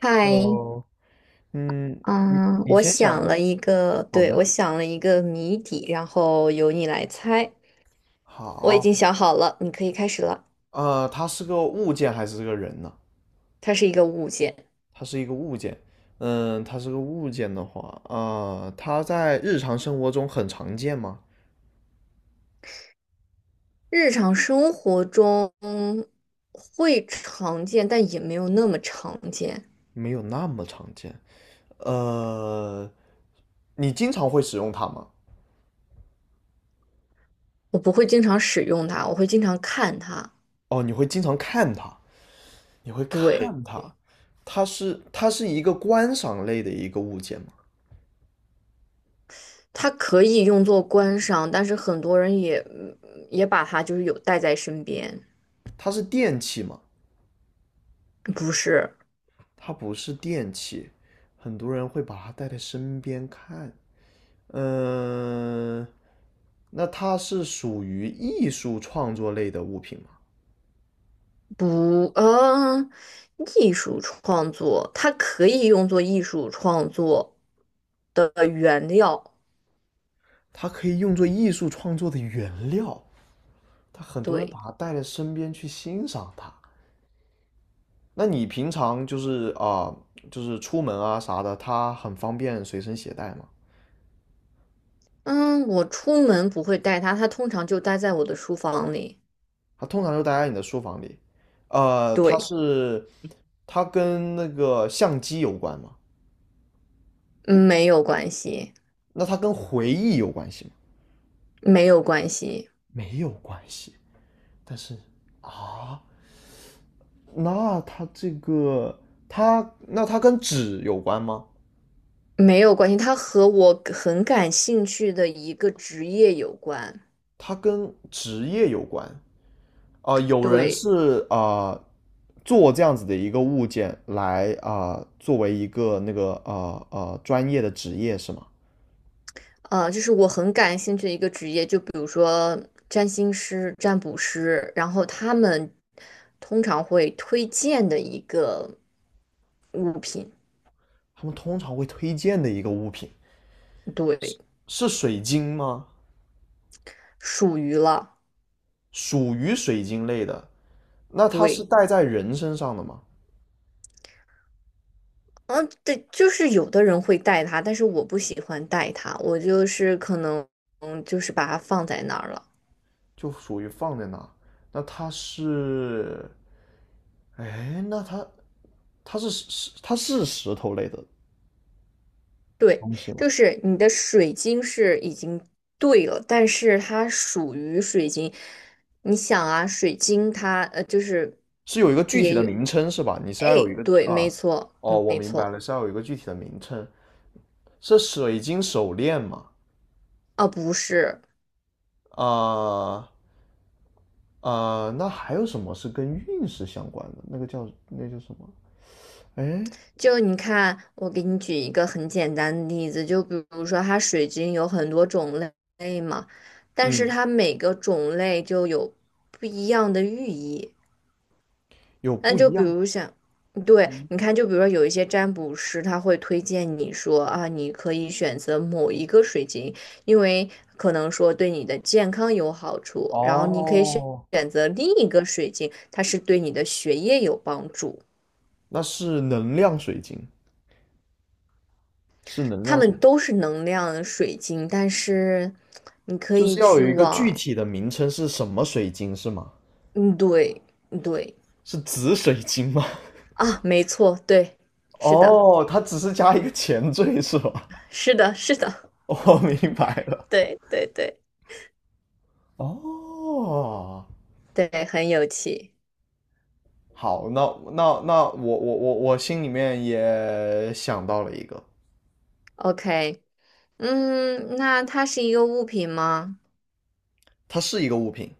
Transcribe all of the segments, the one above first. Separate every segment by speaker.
Speaker 1: 嗨，
Speaker 2: Hello，嗯，你
Speaker 1: 嗯，
Speaker 2: 你
Speaker 1: 我
Speaker 2: 先
Speaker 1: 想
Speaker 2: 想，
Speaker 1: 了一个，
Speaker 2: 好
Speaker 1: 对，我
Speaker 2: 的，
Speaker 1: 想了一个谜底，然后由你来猜。我已
Speaker 2: 好。
Speaker 1: 经想好了，你可以开始了。
Speaker 2: 它是个物件还是个人呢？
Speaker 1: 它是一个物件，
Speaker 2: 它是一个物件。嗯，它是个物件的话，啊，它在日常生活中很常见吗？
Speaker 1: 日常生活中会常见，但也没有那么常见。
Speaker 2: 没有那么常见。呃，你经常会使用它吗？
Speaker 1: 我不会经常使用它，我会经常看它。
Speaker 2: 哦，你会经常看它，你会
Speaker 1: 对，
Speaker 2: 看它。它是一个观赏类的一个物件吗？
Speaker 1: 它可以用作观赏，但是很多人也也把它就是有带在身边。
Speaker 2: 它是电器吗？
Speaker 1: 不是。
Speaker 2: 它不是电器，很多人会把它带在身边看。嗯，那它是属于艺术创作类的物品吗？
Speaker 1: 不，艺术创作它可以用作艺术创作。
Speaker 2: 它可以用作艺术创作的原料，它很多人
Speaker 1: 对，
Speaker 2: 把它带在身边去欣赏它。那你平常就是出门啊啥的，它很方便随身携带吗？
Speaker 1: 嗯，我出门不会带它，它通常就待在我的书房里。
Speaker 2: 它通常就待在你的书房里。呃，它
Speaker 1: 对，
Speaker 2: 是它跟那个相机有关吗？
Speaker 1: 没有关系，
Speaker 2: 那它跟回忆有关系吗？
Speaker 1: 没有关系，
Speaker 2: 没有关系。但是啊，那它这个它那它跟纸有关吗？
Speaker 1: 没有关系，它和我很感兴趣的一个职业有关。
Speaker 2: 它跟职业有关啊、有人
Speaker 1: 对。
Speaker 2: 是啊、做这样子的一个物件作为一个那个专业的职业是吗？
Speaker 1: 就是我很感兴趣的一个职业，就比如说占星师、占卜师，然后他们通常会推荐的一个物品，
Speaker 2: 他们通常会推荐的一个物品
Speaker 1: 对，
Speaker 2: 是水晶吗？
Speaker 1: 属于了，
Speaker 2: 属于水晶类的，那它是
Speaker 1: 对，
Speaker 2: 戴在人身上的吗？
Speaker 1: 嗯，对，就是有的人会带它，但是我不喜欢带它，我就是可能就是把它放在那儿了。
Speaker 2: 就属于放在那，那它是哎，那它它是石头类的
Speaker 1: 对，
Speaker 2: 东西吗？
Speaker 1: 就是你的水晶是已经对了，但是它属于水晶。你想啊，水晶它就是
Speaker 2: 是有一个具体
Speaker 1: 也
Speaker 2: 的
Speaker 1: 有，
Speaker 2: 名称是吧？你是要有
Speaker 1: 哎，
Speaker 2: 一个
Speaker 1: 对，没
Speaker 2: 啊，
Speaker 1: 错，
Speaker 2: 哦，我
Speaker 1: 没
Speaker 2: 明白
Speaker 1: 错。
Speaker 2: 了，是要有一个具体的名称。是水晶手链吗？
Speaker 1: 啊，不是，
Speaker 2: 啊、那还有什么是跟运势相关的？那个叫什么？哎，
Speaker 1: 就你看，我给你举一个很简单的例子，就比如说它水晶有很多种类嘛但是
Speaker 2: 嗯，
Speaker 1: 它每个种类就有不一样的寓意。
Speaker 2: 有
Speaker 1: 那
Speaker 2: 不
Speaker 1: 就
Speaker 2: 一
Speaker 1: 比
Speaker 2: 样
Speaker 1: 如像，对，你看，就比如说有一些占卜师，他会推荐你说啊，你可以选择某一个水晶，因为可能说对你的健康有好处，然后你可以选
Speaker 2: 哦，
Speaker 1: 选择另一个水晶，它是对你的学业有帮助。
Speaker 2: 那是能量水晶，是能
Speaker 1: 它
Speaker 2: 量
Speaker 1: 们
Speaker 2: 水晶，
Speaker 1: 都是能量水晶，但是你可
Speaker 2: 就
Speaker 1: 以
Speaker 2: 是要
Speaker 1: 去
Speaker 2: 有一个具
Speaker 1: 往，
Speaker 2: 体的名称是什么水晶是吗？
Speaker 1: 嗯，对，对，
Speaker 2: 是紫水晶吗？
Speaker 1: 啊，没错，对，是的，
Speaker 2: 哦，它只是加一个前缀是吧？
Speaker 1: 是的，是的，
Speaker 2: 我明白了。
Speaker 1: 对对对
Speaker 2: 哦，
Speaker 1: 对，很有趣。
Speaker 2: 好，那我心里面也想到了一个。
Speaker 1: OK。嗯，那它是一个物品吗？
Speaker 2: 它是一个物品，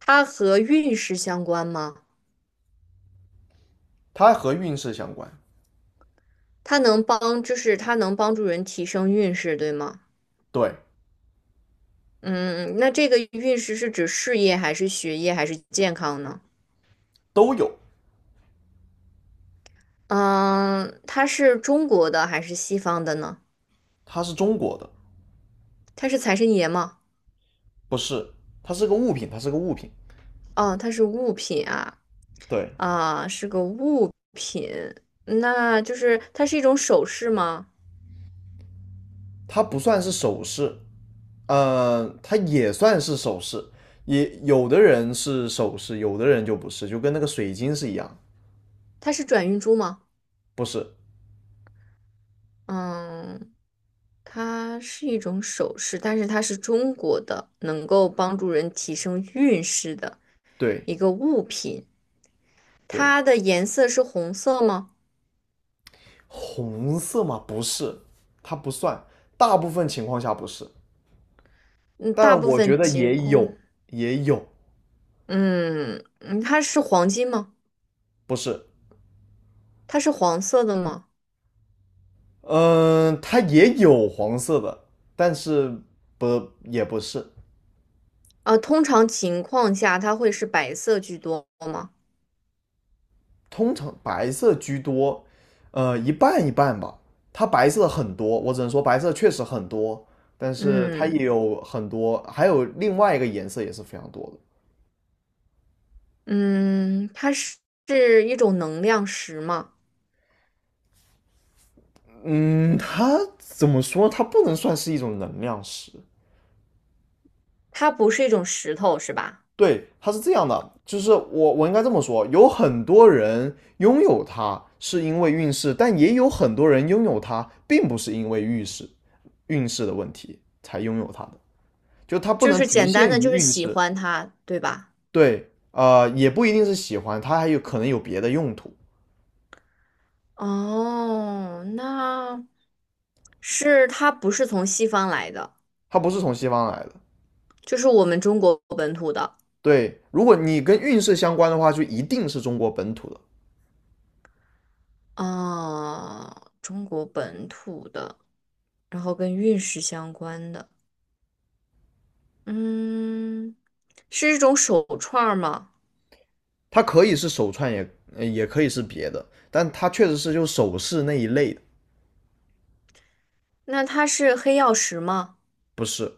Speaker 1: 它和运势相关吗？
Speaker 2: 它和运势相关，
Speaker 1: 它能帮，就是它能帮助人提升运势，对吗？
Speaker 2: 对，
Speaker 1: 嗯，那这个运势是指事业还是学业还是健康呢？
Speaker 2: 都有。
Speaker 1: 嗯，它是中国的还是西方的呢？
Speaker 2: 它是中国的，
Speaker 1: 它是财神爷吗？
Speaker 2: 不是，它是个物品，它是个物品，
Speaker 1: 哦，它是物品啊，
Speaker 2: 对，
Speaker 1: 啊，是个物品，那就是它是一种首饰吗？
Speaker 2: 它不算是首饰，嗯，它也算是首饰，也有的人是首饰，有的人就不是，就跟那个水晶是一样，
Speaker 1: 它是转运珠吗？
Speaker 2: 不是，
Speaker 1: 嗯。它是一种首饰，但是它是中国的，能够帮助人提升运势的
Speaker 2: 对
Speaker 1: 一个物品。
Speaker 2: 对，
Speaker 1: 它的颜色是红色吗？
Speaker 2: 红色吗？不是，它不算，大部分情况下不是，
Speaker 1: 嗯，大
Speaker 2: 但
Speaker 1: 部
Speaker 2: 我觉
Speaker 1: 分
Speaker 2: 得
Speaker 1: 情
Speaker 2: 也
Speaker 1: 况，
Speaker 2: 有，也有，
Speaker 1: 嗯嗯，它是黄金吗？
Speaker 2: 不是，
Speaker 1: 它是黄色的吗？
Speaker 2: 嗯，它也有黄色的，但是不也不是，
Speaker 1: 啊，通常情况下它会是白色居多吗？
Speaker 2: 通常白色居多，一半一半吧。它白色很多，我只能说白色确实很多，但是它也
Speaker 1: 嗯
Speaker 2: 有很多，还有另外一个颜色也是非常多的。
Speaker 1: 嗯，它是一种能量石吗？
Speaker 2: 嗯，它怎么说？它不能算是一种能量石，
Speaker 1: 它不是一种石头是吧？
Speaker 2: 对，它是这样的，就是我应该这么说，有很多人拥有它是因为运势，但也有很多人拥有它并不是因为运势的问题才拥有它的，就它不
Speaker 1: 就
Speaker 2: 能
Speaker 1: 是
Speaker 2: 局
Speaker 1: 简单
Speaker 2: 限
Speaker 1: 的
Speaker 2: 于
Speaker 1: 就是
Speaker 2: 运
Speaker 1: 喜
Speaker 2: 势。
Speaker 1: 欢它，对吧？
Speaker 2: 对，也不一定是喜欢，它还有可能有别的用途，
Speaker 1: 哦，那是它不是从西方来的，
Speaker 2: 它不是从西方来的。
Speaker 1: 就是我们中国本土的
Speaker 2: 对，如果你跟运势相关的话，就一定是中国本土的，
Speaker 1: 哦，中国本土的，然后跟运势相关的，嗯，是一种手串儿吗？
Speaker 2: 它可以是手串，也可以是别的，但它确实是就首饰那一类的，
Speaker 1: 那它是黑曜石吗？
Speaker 2: 不是，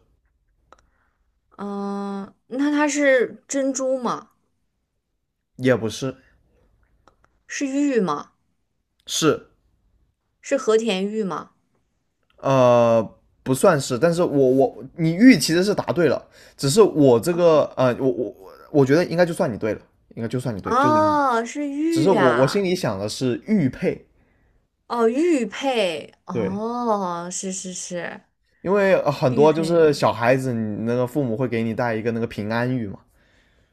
Speaker 1: 嗯，那它是珍珠吗？
Speaker 2: 也不是。
Speaker 1: 是玉吗？
Speaker 2: 是，
Speaker 1: 是和田玉吗？
Speaker 2: 呃，不算是，但是我你玉其实是答对了，只是我这
Speaker 1: 啊
Speaker 2: 个，我觉得应该就算你对了，应该就算你对，就是玉，
Speaker 1: 哦，是
Speaker 2: 只是
Speaker 1: 玉
Speaker 2: 我心
Speaker 1: 呀、
Speaker 2: 里想的是玉佩，
Speaker 1: 哦，玉佩，
Speaker 2: 对，
Speaker 1: 哦，是是是，
Speaker 2: 因为很
Speaker 1: 玉
Speaker 2: 多就
Speaker 1: 佩。
Speaker 2: 是小孩子，你那个父母会给你带一个那个平安玉嘛，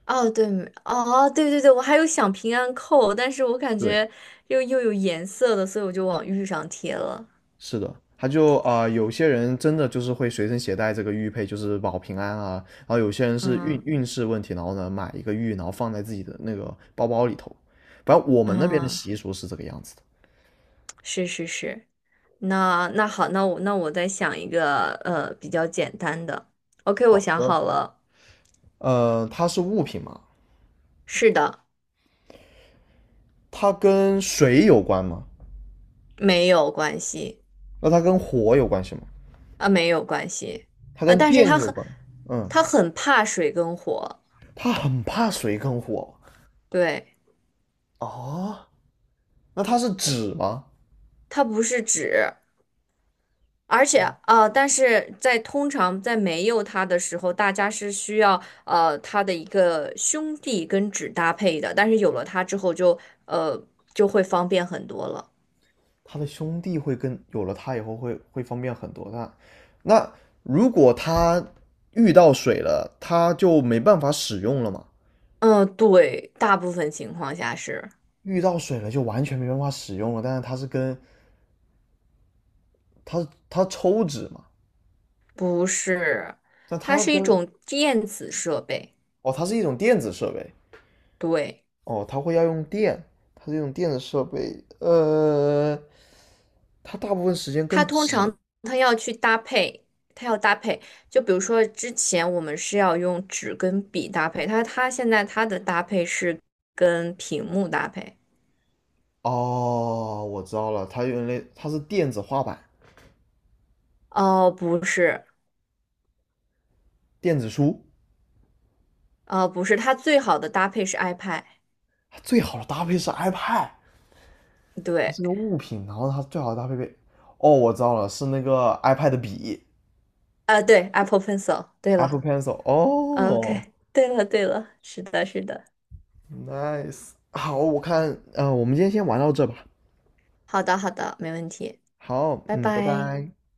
Speaker 1: 哦，对，哦，对对对，我还有想平安扣，但是我感
Speaker 2: 对，
Speaker 1: 觉又有颜色的，所以我就往玉上贴了。
Speaker 2: 是的，他就啊、呃有些人真的就是会随身携带这个玉佩，就是保平安啊。然后有些人是运
Speaker 1: 嗯
Speaker 2: 运势问题，然后呢买一个玉，然后放在自己的那个包包里头。反正我们那边的
Speaker 1: 嗯，
Speaker 2: 习俗是这个样子的。
Speaker 1: 是是是。那那好，那我再想一个比较简单的。OK,我
Speaker 2: 好
Speaker 1: 想
Speaker 2: 的，
Speaker 1: 好了。
Speaker 2: 它是物品嘛，
Speaker 1: 是的，
Speaker 2: 它跟水有关吗？
Speaker 1: 没有关系
Speaker 2: 那它跟火有关系吗？
Speaker 1: 啊，没有关系
Speaker 2: 它
Speaker 1: 啊，
Speaker 2: 跟
Speaker 1: 但是
Speaker 2: 电
Speaker 1: 他
Speaker 2: 有
Speaker 1: 很
Speaker 2: 关？嗯，
Speaker 1: 他很怕水跟火，
Speaker 2: 它很怕水跟火。
Speaker 1: 对，
Speaker 2: 哦，那它是纸吗？
Speaker 1: 它不是纸，而且但是在通常在没有它的时候，大家是需要它的一个兄弟跟纸搭配的，但是有了它之后就呃就会方便很多了。
Speaker 2: 他的兄弟会跟有了他以后会方便很多。那如果他遇到水了，他就没办法使用了嘛？
Speaker 1: 嗯、对，大部分情况下是
Speaker 2: 遇到水了就完全没办法使用了。但是他是跟他抽纸嘛，
Speaker 1: 不是？
Speaker 2: 但
Speaker 1: 它
Speaker 2: 他
Speaker 1: 是一
Speaker 2: 跟
Speaker 1: 种电子设备，
Speaker 2: 哦，它是一种电子设备
Speaker 1: 对，
Speaker 2: 哦，它会要用电，它是一种电子设备。它大部分时间
Speaker 1: 它
Speaker 2: 跟
Speaker 1: 通
Speaker 2: 纸
Speaker 1: 常它要去搭配，它要搭配。就比如说之前我们是要用纸跟笔搭配，它现在它的搭配是跟屏幕搭配。
Speaker 2: 哦，我知道了，它原来它是电子画板、
Speaker 1: 哦，不是，
Speaker 2: 电子书，
Speaker 1: 哦，不是，它最好的搭配是 iPad,
Speaker 2: 最好的搭配是 iPad。它
Speaker 1: 对，
Speaker 2: 是个物品，然后它最好的搭配配，哦，我知道了，是那个 iPad 笔
Speaker 1: 对，Apple Pencil,对
Speaker 2: ，Apple
Speaker 1: 了
Speaker 2: Pencil。
Speaker 1: OK,
Speaker 2: 哦
Speaker 1: 对了，对了，是的，是的，
Speaker 2: ，nice，好，我看，我们今天先玩到这吧。
Speaker 1: 好的，好的，没问题，
Speaker 2: 好，
Speaker 1: 拜
Speaker 2: 嗯，拜
Speaker 1: 拜。
Speaker 2: 拜。